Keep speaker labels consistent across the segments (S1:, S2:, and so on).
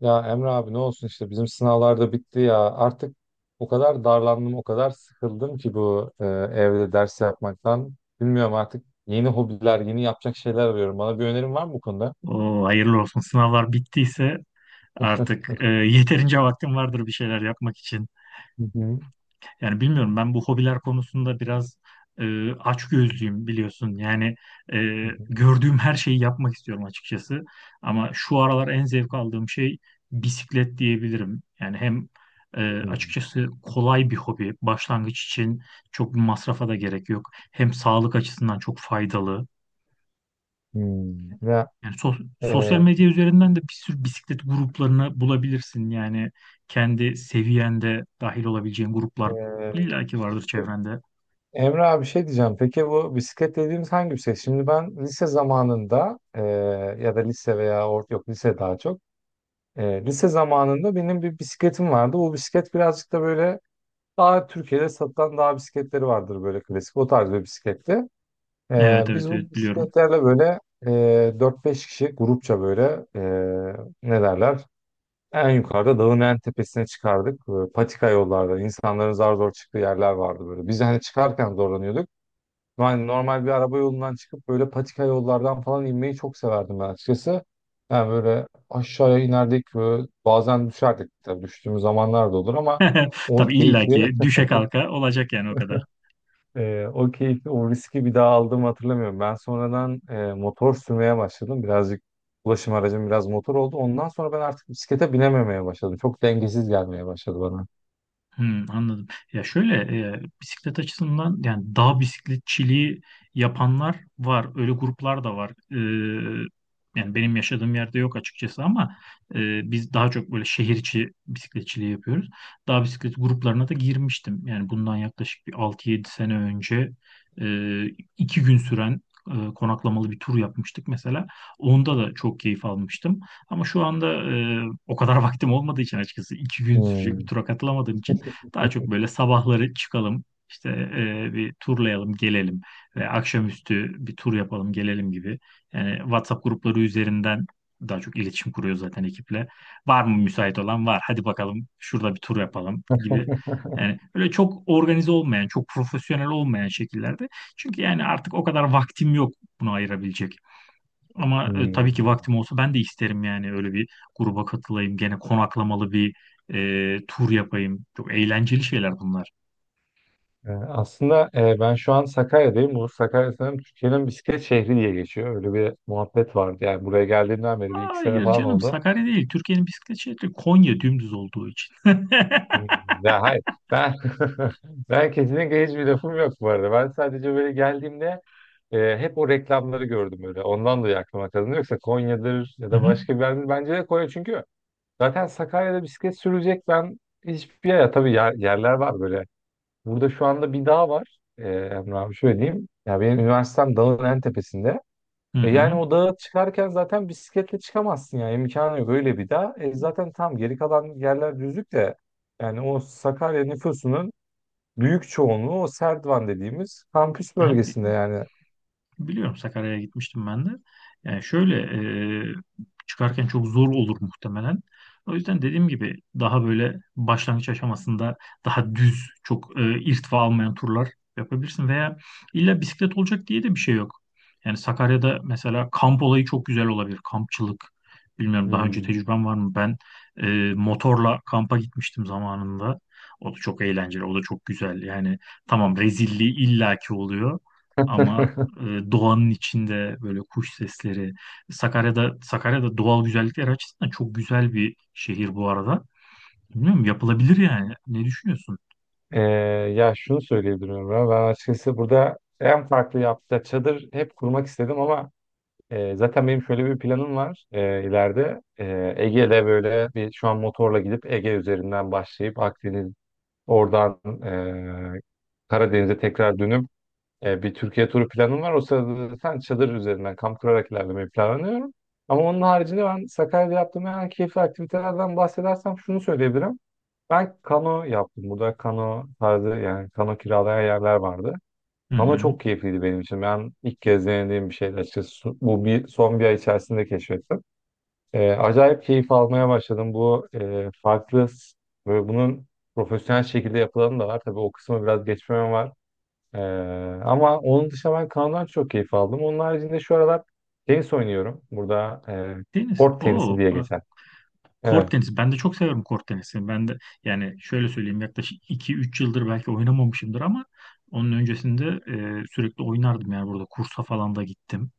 S1: Ya Emre abi ne olsun işte bizim sınavlarda bitti ya. Artık o kadar darlandım, o kadar sıkıldım ki evde ders yapmaktan. Bilmiyorum artık yeni hobiler, yeni yapacak şeyler arıyorum. Bana bir önerin var mı bu konuda?
S2: O hayırlı olsun. Sınavlar bittiyse
S1: Hı
S2: artık yeterince vaktim vardır bir şeyler yapmak için.
S1: hı.
S2: Yani bilmiyorum ben bu hobiler konusunda biraz açgözlüyüm biliyorsun. Yani e,
S1: Hı hı.
S2: gördüğüm her şeyi yapmak istiyorum açıkçası. Ama şu aralar en zevk aldığım şey bisiklet diyebilirim. Yani hem
S1: Hmm.
S2: açıkçası kolay bir hobi. Başlangıç için çok bir masrafa da gerek yok. Hem sağlık açısından çok faydalı.
S1: Hmm.
S2: Yani sosyal
S1: E,
S2: medya üzerinden de bir sürü bisiklet gruplarını bulabilirsin. Yani kendi seviyende dahil olabileceğin gruplar
S1: e,
S2: illaki vardır çevrende.
S1: Emre abi şey diyeceğim. Peki bu bisiklet dediğimiz hangi bisiklet? Şimdi ben ya da lise veya yok lise daha çok. E, lise zamanında benim bir bisikletim vardı. Bu bisiklet birazcık da böyle daha Türkiye'de satılan dağ bisikletleri vardır böyle klasik. O tarz bir bisikletti.
S2: Evet
S1: Biz
S2: evet
S1: bu
S2: evet biliyorum.
S1: bisikletlerle böyle 4-5 kişi grupça böyle e, ne derler? En yukarıda dağın en tepesine çıkardık. Böyle patika yollarda insanların zar zor çıktığı yerler vardı böyle. Biz hani çıkarken zorlanıyorduk. Yani normal bir araba yolundan çıkıp böyle patika yollardan falan inmeyi çok severdim ben açıkçası. Yani böyle aşağıya inerdik böyle bazen düşerdik tabii düştüğümüz zamanlar da olur ama o
S2: Tabii
S1: keyifli.
S2: illaki düşe kalka olacak yani o kadar.
S1: O keyfi, o riski bir daha aldığımı hatırlamıyorum. Ben sonradan motor sürmeye başladım. Birazcık ulaşım aracım biraz motor oldu. Ondan sonra ben artık bisiklete binememeye başladım. Çok dengesiz gelmeye başladı bana.
S2: Hmm, anladım. Ya şöyle bisiklet açısından yani dağ bisikletçiliği yapanlar var. Öyle gruplar da var. Yani benim yaşadığım yerde yok açıkçası ama biz daha çok böyle şehir içi bisikletçiliği yapıyoruz. Dağ bisiklet gruplarına da girmiştim. Yani bundan yaklaşık bir 6-7 sene önce e, 2 gün süren konaklamalı bir tur yapmıştık mesela. Onda da çok keyif almıştım. Ama şu anda o kadar vaktim olmadığı için açıkçası 2 gün sürecek bir
S1: Hmm.
S2: tura katılamadığım için daha çok böyle sabahları çıkalım, işte bir turlayalım, gelelim ve akşamüstü bir tur yapalım, gelelim gibi. Yani WhatsApp grupları üzerinden daha çok iletişim kuruyor zaten ekiple. Var mı müsait olan? Var. Hadi bakalım şurada bir tur yapalım gibi. Yani böyle çok organize olmayan, çok profesyonel olmayan şekillerde. Çünkü yani artık o kadar vaktim yok bunu ayırabilecek. Ama tabii ki
S1: Hmm.
S2: vaktim olsa ben de isterim yani öyle bir gruba katılayım. Gene konaklamalı bir tur yapayım. Çok eğlenceli şeyler bunlar.
S1: Ben şu an Sakarya'dayım. Bu Sakarya sanırım Türkiye'nin bisiklet şehri diye geçiyor. Öyle bir muhabbet vardı. Yani buraya geldiğimden beri bir iki sene
S2: Hayır
S1: falan
S2: canım
S1: oldu.
S2: Sakarya değil. Türkiye'nin bisiklet şehri Konya dümdüz olduğu için.
S1: Hmm. Ya hayır. Ben ben kesinlikle hiçbir lafım yok bu arada. Ben sadece böyle geldiğimde e, hep o reklamları gördüm öyle. Ondan dolayı aklıma kazındı. Yoksa Konya'dır ya
S2: Hı
S1: da
S2: hı.
S1: başka bir yerdir. Bence de Konya çünkü zaten Sakarya'da bisiklet sürecek ben hiçbir yer. Tabii yerler var böyle. Burada şu anda bir dağ var. E, Emre abi şöyle diyeyim. Ya benim üniversitem dağın en tepesinde.
S2: Hı
S1: E,
S2: hı.
S1: yani o dağa çıkarken zaten bisikletle çıkamazsın ya. İmkanı yok öyle bir dağ. E, zaten tam geri kalan yerler düzlük de yani o Sakarya nüfusunun büyük çoğunluğu o Serdivan dediğimiz kampüs
S2: Ha,
S1: bölgesinde yani.
S2: biliyorum Sakarya'ya gitmiştim ben de. Yani şöyle çıkarken çok zor olur muhtemelen. O yüzden dediğim gibi daha böyle başlangıç aşamasında daha düz, çok irtifa almayan turlar yapabilirsin. Veya illa bisiklet olacak diye de bir şey yok. Yani Sakarya'da mesela kamp olayı çok güzel olabilir. Kampçılık. Bilmiyorum daha önce
S1: Hmm.
S2: tecrüben var mı? Ben motorla kampa gitmiştim zamanında. O da çok eğlenceli, o da çok güzel. Yani tamam rezilliği illaki oluyor. Ama doğanın içinde böyle kuş sesleri. Sakarya'da doğal güzellikler açısından çok güzel bir şehir bu arada. Bilmiyorum yapılabilir yani. Ne düşünüyorsun?
S1: Ee, ya şunu söyleyebilirim ben. Ben açıkçası burada en farklı yaptığı çadır hep kurmak istedim ama zaten benim şöyle bir planım var ileride. E, Ege'de böyle bir şu an motorla gidip Ege üzerinden başlayıp Akdeniz oradan e, Karadeniz'e tekrar dönüp, bir Türkiye turu planım var. O sırada zaten çadır üzerinden kamp kurarak ilerlemeyi planlıyorum. Ama onun haricinde ben Sakarya'da yaptığım en keyifli aktivitelerden bahsedersem şunu söyleyebilirim. Ben kano yaptım. Burada kano tarzı yani kano kiralayan yerler vardı.
S2: Hı
S1: Kano
S2: hı.
S1: çok keyifliydi benim için. Ben ilk kez denediğim bir şeydi açıkçası. Bu bir, son bir ay içerisinde keşfettim. Acayip keyif almaya başladım. Bu e, farklı s- böyle bunun profesyonel şekilde yapılanı da var. Tabii o kısmı biraz geçmem var. Ee, ama onun dışında ben kanodan çok keyif aldım. Onun haricinde şu aralar tenis oynuyorum. Burada
S2: Deniz.
S1: kort tenisi
S2: Oo
S1: diye
S2: bak
S1: geçer.
S2: kort
S1: Evet.
S2: tenisi. Ben de çok severim kort tenisini. Ben de yani şöyle söyleyeyim yaklaşık 2-3 yıldır belki oynamamışımdır ama onun öncesinde sürekli oynardım yani burada kursa falan da gittim.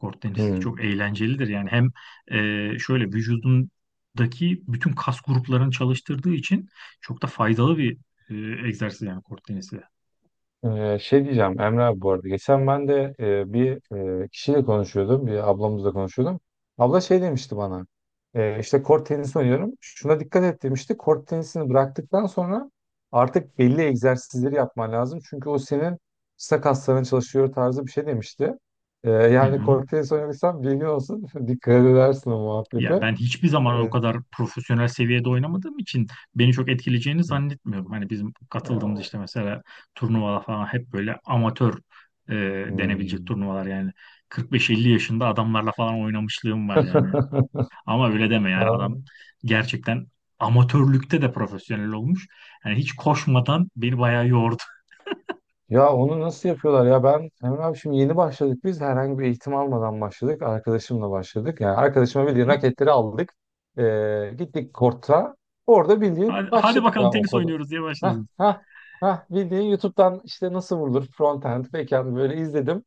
S2: Kort tenisi de
S1: Hmm.
S2: çok eğlencelidir. Yani hem şöyle vücudundaki bütün kas gruplarını çalıştırdığı için çok da faydalı bir egzersiz yani kort tenisi.
S1: Şey diyeceğim Emre abi bu arada. Geçen ben de bir kişiyle konuşuyordum. Bir ablamızla konuşuyordum. Abla şey demişti bana. E, işte kort tenisi oynuyorum. Şuna dikkat et demişti. Kort tenisini bıraktıktan sonra artık belli egzersizleri yapman lazım. Çünkü o senin sırt kasların çalışıyor tarzı bir şey demişti. E,
S2: Hı
S1: yani
S2: hı.
S1: kort tenisi oynuyorsan bilgin olsun. Dikkat edersin o
S2: Ya
S1: muhabbete.
S2: ben hiçbir zaman o
S1: E,
S2: kadar profesyonel seviyede oynamadığım için beni çok etkileyeceğini zannetmiyorum. Hani bizim
S1: e,
S2: katıldığımız
S1: o-
S2: işte mesela turnuvalar falan hep böyle amatör e, denebilecek
S1: Hmm.
S2: turnuvalar yani 45-50 yaşında adamlarla falan oynamışlığım var yani. Ama öyle deme yani adam gerçekten amatörlükte de profesyonel olmuş. Yani hiç koşmadan beni bayağı yordu.
S1: Ya onu nasıl yapıyorlar ya ben Emre abi şimdi yeni başladık biz herhangi bir eğitim almadan başladık arkadaşımla başladık yani arkadaşıma
S2: Hı
S1: bildiğin
S2: hı.
S1: raketleri aldık. Gittik korta, orada
S2: Hadi,
S1: bildiğin
S2: hadi
S1: başladık
S2: bakalım
S1: ya o
S2: tenis
S1: kadar.
S2: oynuyoruz diye
S1: ha
S2: başladınız.
S1: ha ha Bildiğin YouTube'dan işte nasıl vurulur, frontend, backend, böyle izledim.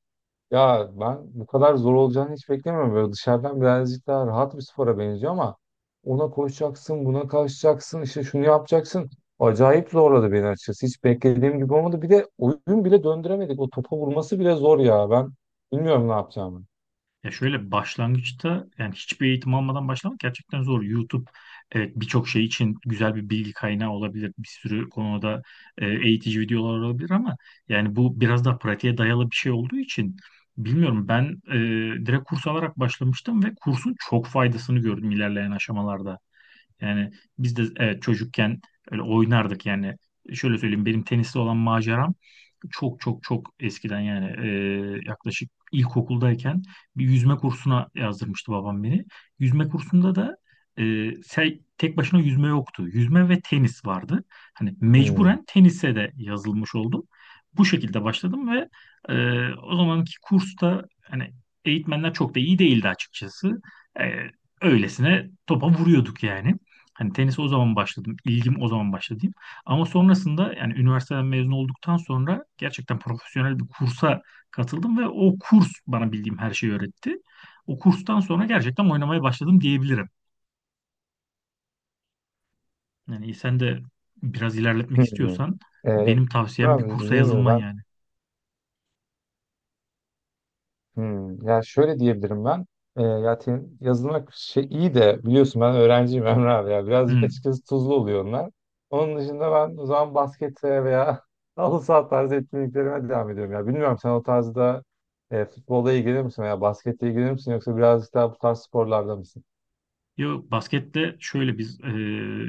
S1: Ya ben bu kadar zor olacağını hiç beklemiyorum. Böyle dışarıdan birazcık daha rahat bir spora benziyor ama ona koşacaksın, buna kalkacaksın, işte şunu yapacaksın. Acayip zorladı beni açıkçası. Hiç beklediğim gibi olmadı. Bir de oyun bile döndüremedik. O topa vurması bile zor ya. Ben bilmiyorum ne yapacağımı.
S2: Ya şöyle başlangıçta yani hiçbir eğitim almadan başlamak gerçekten zor. YouTube evet birçok şey için güzel bir bilgi kaynağı olabilir. Bir sürü konuda eğitici videolar olabilir ama yani bu biraz daha pratiğe dayalı bir şey olduğu için bilmiyorum ben direkt kurs alarak başlamıştım ve kursun çok faydasını gördüm ilerleyen aşamalarda. Yani biz de evet çocukken öyle oynardık yani. Şöyle söyleyeyim benim tenisle olan maceram çok çok çok eskiden yani yaklaşık ilkokuldayken bir yüzme kursuna yazdırmıştı babam beni. Yüzme kursunda da e, tek başına yüzme yoktu. Yüzme ve tenis vardı. Hani
S1: Hmm.
S2: mecburen tenise de yazılmış oldum. Bu şekilde başladım ve o zamanki kursta hani eğitmenler çok da iyi değildi açıkçası. E, öylesine topa vuruyorduk yani. Hani tenise o zaman başladım. İlgim o zaman başladı diyeyim. Ama sonrasında yani üniversiteden mezun olduktan sonra gerçekten profesyonel bir kursa katıldım ve o kurs bana bildiğim her şeyi öğretti. O kurstan sonra gerçekten oynamaya başladım diyebilirim. Yani sen de biraz ilerletmek
S1: Hmm.
S2: istiyorsan
S1: Ee,
S2: benim
S1: Emre
S2: tavsiyem bir
S1: abi
S2: kursa
S1: dediğim gibi
S2: yazılman
S1: ben.
S2: yani.
S1: Hmm, ya şöyle diyebilirim ben. Yazılmak şey iyi de biliyorsun ben öğrenciyim. Emre abi ya.
S2: Hı.
S1: Birazcık açıkçası tuzlu oluyor onlar. Onun dışında ben o zaman baskete veya halı saha tarzı etkinliklerime devam ediyorum. Ya bilmiyorum sen o tarzda futbolda ilgilenir misin veya basketle ilgilenir misin yoksa birazcık daha bu tarz sporlarda mısın?
S2: Yo, baskette şöyle biz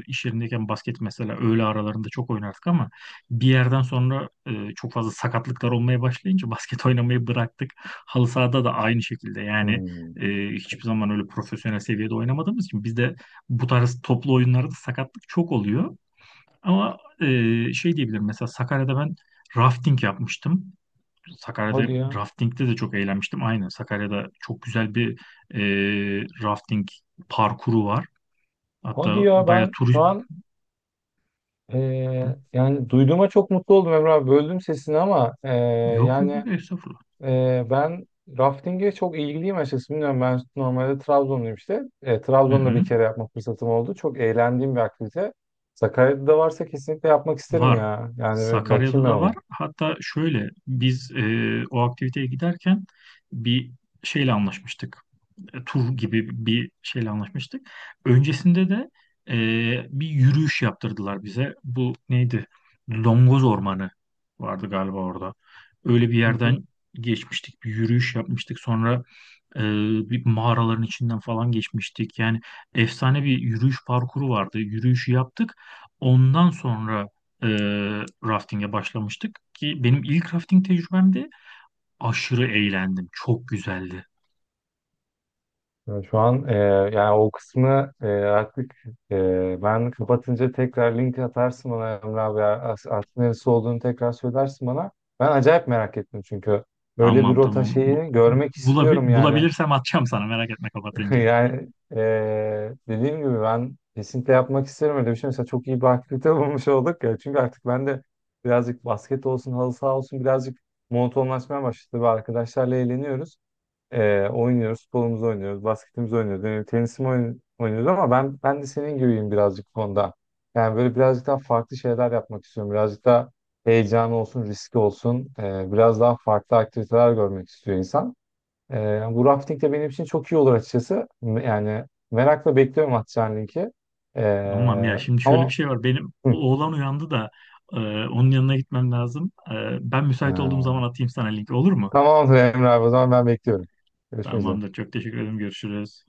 S2: iş yerindeyken basket mesela öğle aralarında çok oynardık ama bir yerden sonra çok fazla sakatlıklar olmaya başlayınca basket oynamayı bıraktık. Halı sahada da aynı şekilde yani
S1: Hmm.
S2: hiçbir zaman öyle profesyonel seviyede oynamadığımız için bizde bu tarz toplu oyunlarda sakatlık çok oluyor. Ama şey diyebilirim, mesela Sakarya'da ben rafting yapmıştım. Sakarya'da
S1: Hadi ya.
S2: raftingde de çok eğlenmiştim. Aynen Sakarya'da çok güzel bir e, rafting parkuru var.
S1: Hadi
S2: Hatta
S1: ya
S2: bayağı
S1: ben
S2: tur
S1: şu an e, yani duyduğuma çok mutlu oldum Emre abi. Böldüm sesini ama,
S2: yok yok
S1: yani
S2: yok estağfurullah.
S1: Ben rafting'e çok ilgiliyim açıkçası. Bilmiyorum ben normalde Trabzonluyum işte.
S2: Hı
S1: Trabzon'da
S2: hı.
S1: bir kere yapma fırsatım oldu. Çok eğlendiğim bir aktivite. Sakarya'da da varsa kesinlikle yapmak isterim
S2: Var.
S1: ya. Yani bir
S2: Sakarya'da
S1: bakayım ben
S2: da var.
S1: ona.
S2: Hatta şöyle biz o aktiviteye giderken bir şeyle anlaşmıştık. E, tur gibi bir şeyle anlaşmıştık. Öncesinde de e, bir yürüyüş yaptırdılar bize. Bu neydi? Longoz Ormanı vardı galiba orada. Öyle bir
S1: Hı hı.
S2: yerden geçmiştik. Bir yürüyüş yapmıştık. Sonra Ee, bir mağaraların içinden falan geçmiştik. Yani efsane bir yürüyüş parkuru vardı. Yürüyüşü yaptık. Ondan sonra e, rafting'e başlamıştık ki benim ilk rafting tecrübemdi. Aşırı eğlendim. Çok güzeldi.
S1: Ya şu an, yani o kısmı artık, ben kapatınca tekrar link atarsın bana Emre abi ya. Artık neresi olduğunu tekrar söylersin bana. Ben acayip merak ettim çünkü. Böyle bir
S2: Tamam
S1: rota
S2: tamam.
S1: şeyini görmek istiyorum yani.
S2: Bulabilirsem atacağım sana, merak etme, kapatınca.
S1: Yani dediğim gibi ben kesinlikle yapmak isterim öyle bir şey. Mesela çok iyi bir aktivite bulmuş olduk ya. Çünkü artık ben de birazcık basket olsun, halı saha olsun birazcık monotonlaşmaya başladı. Ve arkadaşlarla eğleniyoruz. Oynuyoruz, futbolumuzu oynuyoruz, basketimizi oynuyoruz, yani tenisimi oynuyoruz ama ben de senin gibiyim birazcık bu konuda. Yani böyle birazcık daha farklı şeyler yapmak istiyorum. Birazcık daha heyecan olsun, riski olsun. Biraz daha farklı aktiviteler görmek istiyor insan. Yani bu rafting de benim için çok iyi olur açıkçası. Yani merakla bekliyorum atacağın linki.
S2: Tamam, ya
S1: Ee,
S2: şimdi şöyle bir
S1: ama
S2: şey var. Benim
S1: hı,
S2: oğlan uyandı da e, onun yanına gitmem lazım. E, ben müsait olduğum
S1: ee,
S2: zaman atayım sana link, olur mu?
S1: tamamdır Emre abi o zaman ben bekliyorum. Görüşmek üzere.
S2: Tamamdır. Çok teşekkür ederim. Görüşürüz.